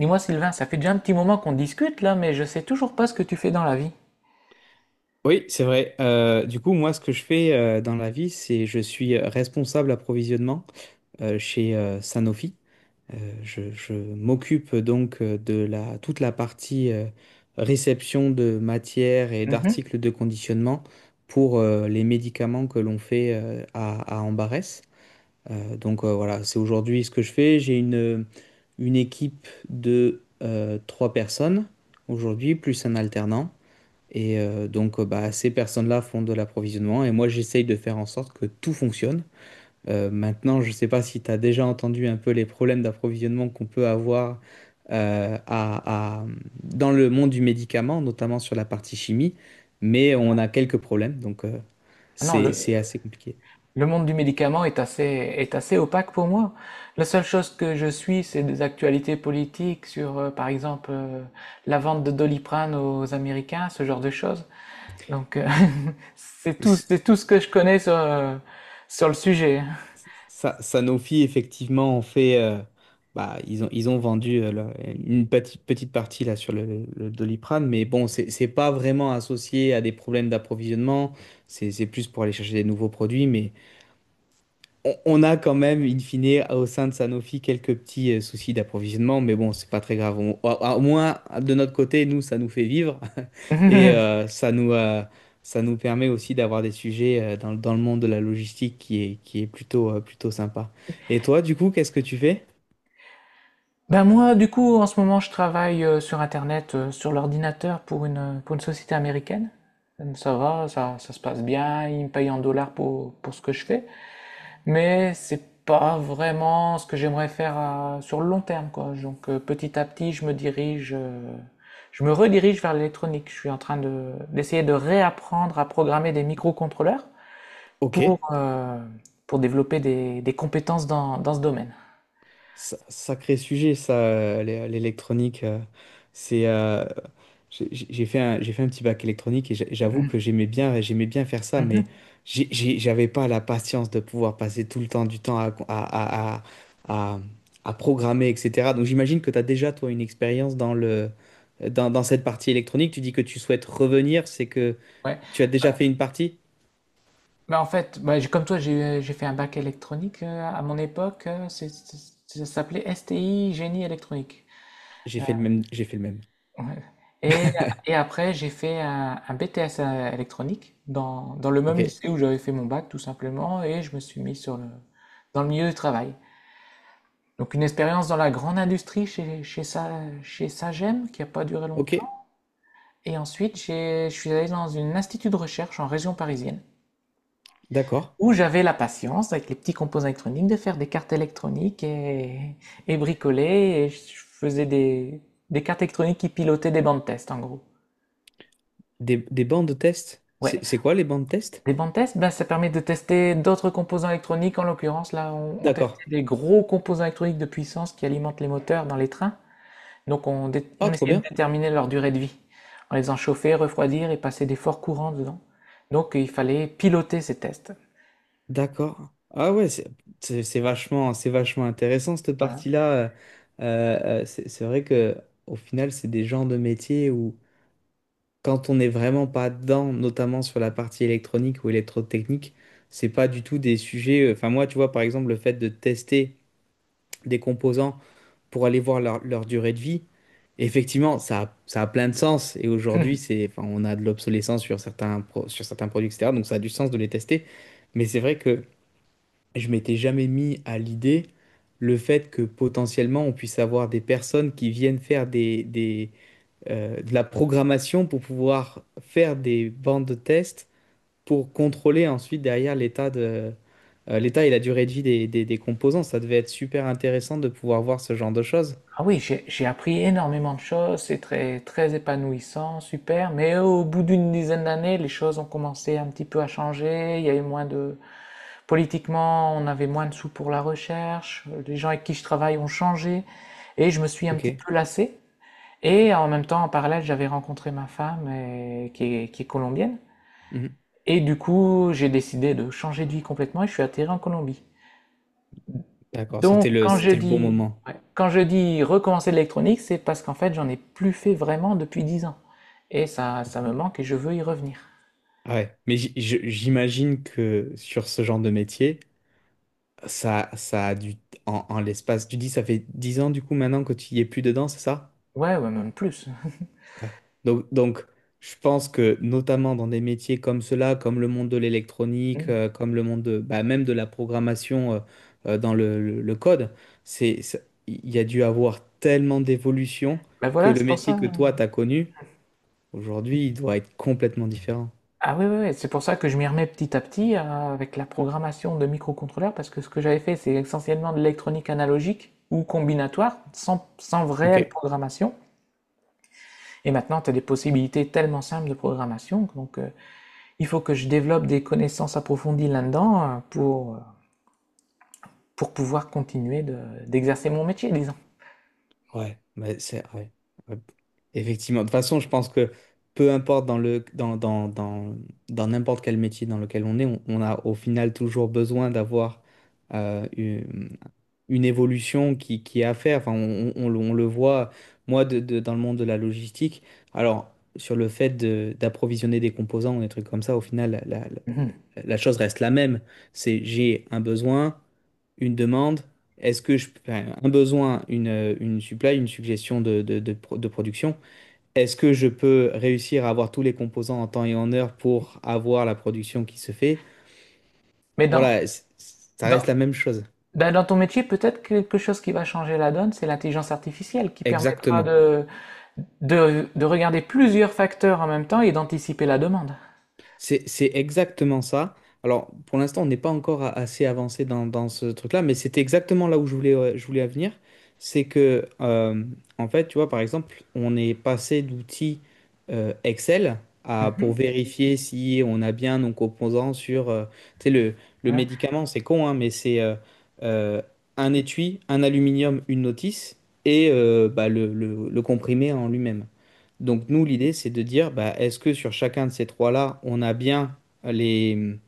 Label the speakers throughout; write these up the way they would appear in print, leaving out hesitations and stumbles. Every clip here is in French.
Speaker 1: Dis-moi Sylvain, ça fait déjà un petit moment qu'on discute là, mais je sais toujours pas ce que tu fais dans la vie.
Speaker 2: Oui, c'est vrai. Du coup, moi, ce que je fais dans la vie, c'est je suis responsable approvisionnement chez Sanofi. Je m'occupe donc toute la partie réception de matières et
Speaker 1: Mhm.
Speaker 2: d'articles de conditionnement pour les médicaments que l'on fait à Ambarès. Donc, voilà, c'est aujourd'hui ce que je fais. J'ai une équipe de trois personnes aujourd'hui, plus un alternant. Et donc, bah, ces personnes-là font de l'approvisionnement et moi, j'essaye de faire en sorte que tout fonctionne. Maintenant, je ne sais pas si tu as déjà entendu un peu les problèmes d'approvisionnement qu'on peut avoir euh, à- à- dans le monde du médicament, notamment sur la partie chimie, mais on a quelques problèmes, donc
Speaker 1: Ah non,
Speaker 2: c'est
Speaker 1: le,
Speaker 2: c'est assez compliqué.
Speaker 1: Le monde du médicament est assez opaque pour moi. La seule chose que je suis, c'est des actualités politiques sur, par exemple, la vente de Doliprane aux Américains, ce genre de choses. Donc, euh, c'est tout ce que je connais sur, sur le sujet.
Speaker 2: Sanofi, effectivement, en fait, bah, ils ont vendu là, une petite partie là, sur le Doliprane, mais bon, c'est pas vraiment associé à des problèmes d'approvisionnement, c'est plus pour aller chercher des nouveaux produits, mais on a quand même, in fine, au sein de Sanofi, quelques petits soucis d'approvisionnement, mais bon, c'est pas très grave. Au moins, de notre côté, nous, ça nous fait vivre et euh, ça nous, euh, ça nous permet aussi d'avoir des sujets dans le monde de la logistique qui est plutôt, plutôt sympa. Et toi, du coup, qu'est-ce que tu fais?
Speaker 1: Ben moi, du coup, en ce moment, je travaille sur Internet, sur l'ordinateur pour une société américaine. Ça va, ça se passe bien, ils me payent en dollars pour ce que je fais. Mais c'est pas vraiment ce que j'aimerais faire sur le long terme, quoi. Petit à petit, je me dirige, je me redirige vers l'électronique. Je suis en train de, d'essayer de réapprendre à programmer des microcontrôleurs
Speaker 2: Ok.
Speaker 1: pour, euh, pour développer des compétences dans, dans ce domaine.
Speaker 2: Sacré sujet, ça, l'électronique. C'est, j'ai fait un, J'ai fait un petit bac électronique et j'avoue
Speaker 1: Mhm.
Speaker 2: que j'aimais bien faire ça, mais
Speaker 1: Mhm.
Speaker 2: j'avais pas la patience de pouvoir passer tout le temps du temps à, à- à programmer, etc. Donc j'imagine que tu as déjà, toi, une expérience dans cette partie électronique. Tu dis que tu souhaites revenir, c'est que
Speaker 1: Ouais.
Speaker 2: tu as déjà
Speaker 1: Bah,
Speaker 2: fait une partie?
Speaker 1: bah, en fait, bah, comme toi, j'ai fait un bac électronique à mon époque. Ça s'appelait STI, génie électronique.
Speaker 2: J'ai fait le même, j'ai fait le même.
Speaker 1: Ouais. Et, et après, j'ai fait un BTS électronique dans, dans le
Speaker 2: Ok,
Speaker 1: même lycée où j'avais fait mon bac, tout simplement, et je me suis mis sur le, dans le milieu du travail. Donc une expérience dans la grande industrie chez, chez, chez Sagem, qui n'a pas duré
Speaker 2: ok,
Speaker 1: longtemps. Et ensuite, je suis allé dans un institut de recherche en région parisienne,
Speaker 2: d'accord.
Speaker 1: où j'avais la patience, avec les petits composants électroniques, de faire des cartes électroniques et bricoler. Et je faisais des cartes électroniques qui pilotaient des bancs de test, en gros.
Speaker 2: Des bancs de test?
Speaker 1: Ouais,
Speaker 2: C'est quoi les bancs de test?
Speaker 1: des bandes tests? Ben, ça permet de tester d'autres composants électroniques. En l'occurrence, là, on testait
Speaker 2: D'accord.
Speaker 1: des gros composants électroniques de puissance qui alimentent les moteurs dans les trains. Donc, on,
Speaker 2: Ah,
Speaker 1: on
Speaker 2: trop
Speaker 1: essayait de
Speaker 2: bien.
Speaker 1: déterminer leur durée de vie en les enchauffant, refroidir et passer des forts courants dedans. Donc, il fallait piloter ces tests.
Speaker 2: D'accord. Ah ouais, c'est vachement intéressant cette
Speaker 1: Voilà.
Speaker 2: partie-là. C'est vrai que au final, c'est des genres de métiers où quand on n'est vraiment pas dedans, notamment sur la partie électronique ou électrotechnique, c'est pas du tout des sujets. Enfin moi, tu vois, par exemple, le fait de tester des composants pour aller voir leur durée de vie, effectivement, ça a plein de sens. Et aujourd'hui, enfin, on a de l'obsolescence sur sur certains produits, etc. Donc ça a du sens de les tester. Mais c'est vrai que je m'étais jamais mis à l'idée le fait que potentiellement on puisse avoir des personnes qui viennent faire de la programmation pour pouvoir faire des bandes de tests pour contrôler ensuite derrière l'état et la durée de vie des composants. Ça devait être super intéressant de pouvoir voir ce genre de choses.
Speaker 1: Ah oui, j'ai appris énormément de choses, c'est très, très épanouissant, super, mais au bout d'une dizaine d'années, les choses ont commencé un petit peu à changer, il y a eu moins de, politiquement, on avait moins de sous pour la recherche, les gens avec qui je travaille ont changé, et je me suis un petit
Speaker 2: Ok.
Speaker 1: peu lassé. Et en même temps, en parallèle, j'avais rencontré ma femme qui est colombienne.
Speaker 2: Mhm.
Speaker 1: Et du coup, j'ai décidé de changer de vie complètement et je suis atterri en Colombie.
Speaker 2: D'accord, c'était
Speaker 1: Donc, quand je
Speaker 2: c'était le bon
Speaker 1: dis,
Speaker 2: moment.
Speaker 1: ouais, quand je dis recommencer l'électronique, c'est parce qu'en fait, j'en ai plus fait vraiment depuis 10 ans. Et ça
Speaker 2: D'accord.
Speaker 1: me manque et je veux y revenir.
Speaker 2: Ah ouais, mais j'imagine que sur ce genre de métier, ça a dû, en l'espace, tu dis, ça fait 10 ans du coup maintenant que tu y es plus dedans, c'est ça?
Speaker 1: Ouais, ouais, même plus.
Speaker 2: Ouais. Donc, je pense que notamment dans des métiers comme cela, comme le monde de l'électronique,
Speaker 1: Mm.
Speaker 2: comme le monde de, bah, même de la programmation le code, c'est, ça- il y a dû avoir tellement d'évolution
Speaker 1: Ben
Speaker 2: que
Speaker 1: voilà,
Speaker 2: le
Speaker 1: c'est pour
Speaker 2: métier
Speaker 1: ça.
Speaker 2: que toi, t'as connu, aujourd'hui, il doit être complètement différent.
Speaker 1: Ah oui, oui, oui, c'est pour ça que je m'y remets petit à petit avec la programmation de microcontrôleurs, parce que ce que j'avais fait, c'est essentiellement de l'électronique analogique ou combinatoire, sans, sans
Speaker 2: Ok.
Speaker 1: réelle programmation. Et maintenant, tu as des possibilités tellement simples de programmation, il faut que je développe des connaissances approfondies là-dedans pour pouvoir continuer d'exercer mon métier, disons.
Speaker 2: Ouais, mais c'est ouais, ouais. Effectivement. De toute façon, je pense que peu importe dans le dans, dans, dans, dans n'importe quel métier dans lequel on est, on a au final toujours besoin d'avoir euh, une, une évolution qui est à faire. Enfin, on le voit, moi, dans le monde de la logistique. Alors, sur le fait d'approvisionner des composants ou des trucs comme ça, au final,
Speaker 1: Mhm.
Speaker 2: la chose reste la même. C'est j'ai un besoin une demande, est-ce que enfin, un besoin, une supply, une suggestion de production, est-ce que je peux réussir à avoir tous les composants en temps et en heure pour avoir la production qui se fait?
Speaker 1: Mais dans,
Speaker 2: Voilà, ça
Speaker 1: dans,
Speaker 2: reste la même chose.
Speaker 1: ben, dans ton métier, peut-être quelque chose qui va changer la donne, c'est l'intelligence artificielle qui permettra
Speaker 2: Exactement.
Speaker 1: de regarder plusieurs facteurs en même temps et d'anticiper la demande.
Speaker 2: C'est exactement ça. Alors, pour l'instant, on n'est pas encore assez avancé dans ce truc-là, mais c'était exactement là où je voulais venir. C'est que, en fait, tu vois, par exemple, on est passé d'outils Excel à,
Speaker 1: Mhm.
Speaker 2: pour vérifier si on a bien nos composants sur, tu sais, le
Speaker 1: Ouais.
Speaker 2: médicament, c'est con, hein, mais c'est euh, un étui, un aluminium, une notice et bah, le comprimé en lui-même. Donc nous, l'idée, c'est de dire, bah, est-ce que sur chacun de ces trois-là, les,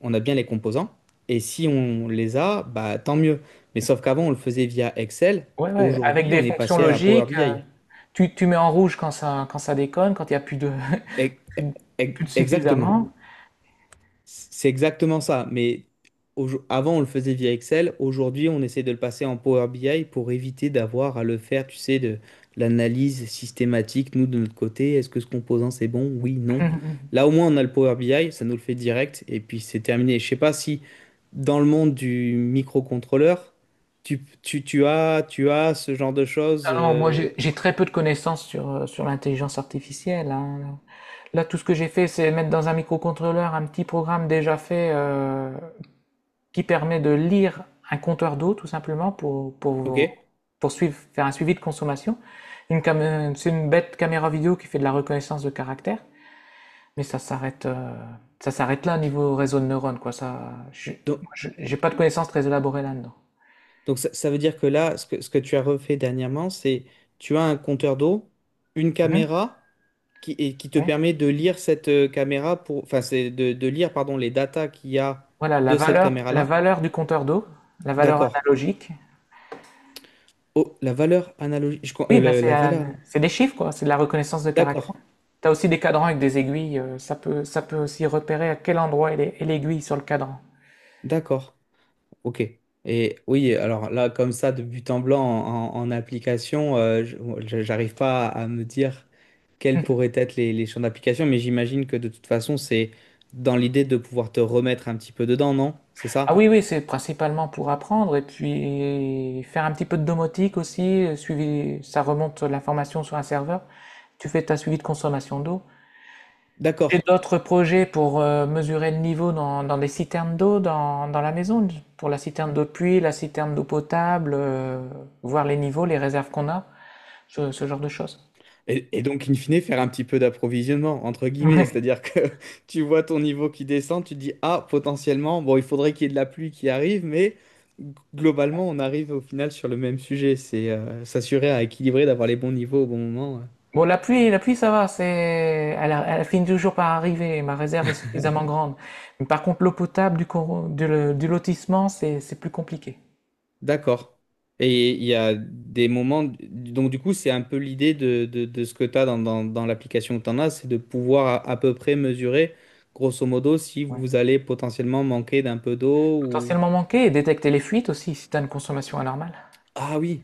Speaker 2: on a bien les composants? Et si on les a, bah, tant mieux. Mais sauf qu'avant, on le faisait via Excel.
Speaker 1: Ouais, ouais, avec
Speaker 2: Aujourd'hui,
Speaker 1: des
Speaker 2: on est
Speaker 1: fonctions
Speaker 2: passé à Power
Speaker 1: logiques,
Speaker 2: BI.
Speaker 1: tu, tu mets en rouge quand ça déconne, quand il n'y a plus de,
Speaker 2: E-
Speaker 1: plus de, plus de
Speaker 2: Exactement.
Speaker 1: suffisamment.
Speaker 2: C'est exactement ça, mais avant on le faisait via Excel, aujourd'hui on essaie de le passer en Power BI pour éviter d'avoir à le faire, tu sais, de l'analyse systématique, nous de notre côté, est-ce que ce composant c'est bon? Oui, non.
Speaker 1: Mhm.
Speaker 2: Là au moins on a le Power BI, ça nous le fait direct et puis c'est terminé. Je sais pas si dans le monde du microcontrôleur, tu as ce genre de choses.
Speaker 1: Alors, moi, j'ai très peu de connaissances sur, sur l'intelligence artificielle, hein. Là, tout ce que j'ai fait, c'est mettre dans un microcontrôleur un petit programme déjà fait. Qui permet de lire un compteur d'eau tout simplement
Speaker 2: Ok.
Speaker 1: pour faire un suivi de consommation. C'est une bête caméra vidéo qui fait de la reconnaissance de caractère, mais ça s'arrête là au niveau réseau de neurones quoi. Ça,
Speaker 2: Donc,
Speaker 1: j'ai pas de connaissances très élaborées là-dedans.
Speaker 2: Donc ça veut dire que là, ce que tu as refait dernièrement, c'est tu as un compteur d'eau, une
Speaker 1: Mhm,
Speaker 2: caméra et qui te
Speaker 1: oui.
Speaker 2: permet de lire cette caméra pour, enfin c'est de lire pardon les datas qu'il y a
Speaker 1: Voilà
Speaker 2: de cette
Speaker 1: la
Speaker 2: caméra-là.
Speaker 1: valeur du compteur d'eau, la valeur
Speaker 2: D'accord.
Speaker 1: analogique.
Speaker 2: Oh, la valeur analogique,
Speaker 1: Oui,
Speaker 2: la valeur.
Speaker 1: c'est des chiffres quoi, c'est de la reconnaissance de caractère.
Speaker 2: D'accord,
Speaker 1: T'as aussi des cadrans avec des aiguilles, ça peut aussi repérer à quel endroit est est l'aiguille sur le cadran.
Speaker 2: d'accord, ok. Et oui, alors là, comme ça, de but en blanc application, j'arrive pas à me dire quels pourraient être les champs d'application, mais j'imagine que de toute façon, c'est dans l'idée de pouvoir te remettre un petit peu dedans, non? C'est
Speaker 1: Ah
Speaker 2: ça?
Speaker 1: oui, oui, c'est principalement pour apprendre et puis faire un petit peu de domotique aussi, suivi, ça remonte l'information sur un serveur. Tu fais ta suivi de consommation d'eau. Et
Speaker 2: D'accord.
Speaker 1: d'autres projets pour mesurer le niveau dans, dans des citernes d'eau dans, dans la maison, pour la citerne d'eau de pluie, la citerne d'eau potable, voir les niveaux, les réserves qu'on a, ce genre de choses.
Speaker 2: Et donc, in fine, faire un petit peu d'approvisionnement, entre guillemets,
Speaker 1: Ouais.
Speaker 2: c'est-à-dire que tu vois ton niveau qui descend, tu te dis, ah, potentiellement, bon, il faudrait qu'il y ait de la pluie qui arrive, mais g- globalement, on arrive au final sur le même sujet, c'est s'assurer à équilibrer, d'avoir les bons niveaux au bon moment.
Speaker 1: Bon, la pluie, ça va, c'est, elle, elle finit toujours par arriver. Ma réserve est suffisamment grande. Mais par contre, l'eau potable du, du lotissement, c'est plus compliqué.
Speaker 2: D'accord. Et il y a des moments, donc du coup, c'est un peu l'idée de ce que tu as dans l'application que tu en as, c'est de pouvoir à peu près mesurer, grosso modo, si
Speaker 1: Ouais.
Speaker 2: vous allez potentiellement manquer d'un peu d'eau ou...
Speaker 1: Potentiellement manquer et détecter les fuites aussi si tu as une consommation anormale.
Speaker 2: Ah oui,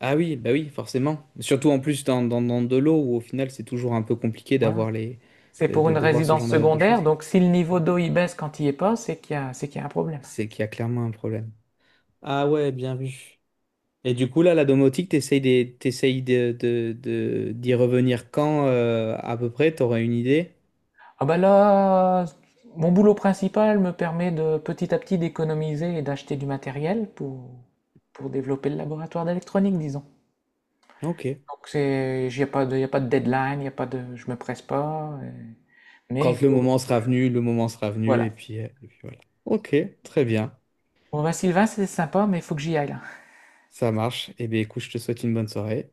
Speaker 2: ah oui, bah oui, forcément. Surtout en plus dans de l'eau où au final, c'est toujours un peu compliqué
Speaker 1: Voilà.
Speaker 2: d'avoir les...
Speaker 1: C'est pour une
Speaker 2: de voir ce
Speaker 1: résidence
Speaker 2: genre de
Speaker 1: secondaire,
Speaker 2: choses.
Speaker 1: donc si le niveau d'eau il baisse quand il y est pas, c'est qu'il y a, c'est qu'il y a un problème.
Speaker 2: C'est qu'il y a clairement un problème. Ah ouais, bien vu. Et du coup, là, la domotique, t'essayes d'y revenir quand, à peu près, t'aurais une idée?
Speaker 1: Ah bah là, mon boulot principal me permet de petit à petit d'économiser et d'acheter du matériel pour développer le laboratoire d'électronique, disons.
Speaker 2: Ok.
Speaker 1: Donc c'est, il n'y a pas de, y a pas de deadline, y a pas de, je me presse pas. Mais il
Speaker 2: Quand le
Speaker 1: faut,
Speaker 2: moment
Speaker 1: faut que
Speaker 2: sera venu, le moment sera venu,
Speaker 1: voilà.
Speaker 2: et puis voilà. Ok, très bien,
Speaker 1: Bon bah Sylvain, c'est sympa, mais il faut que j'y aille là.
Speaker 2: ça marche. Eh bien, écoute, je te souhaite une bonne soirée.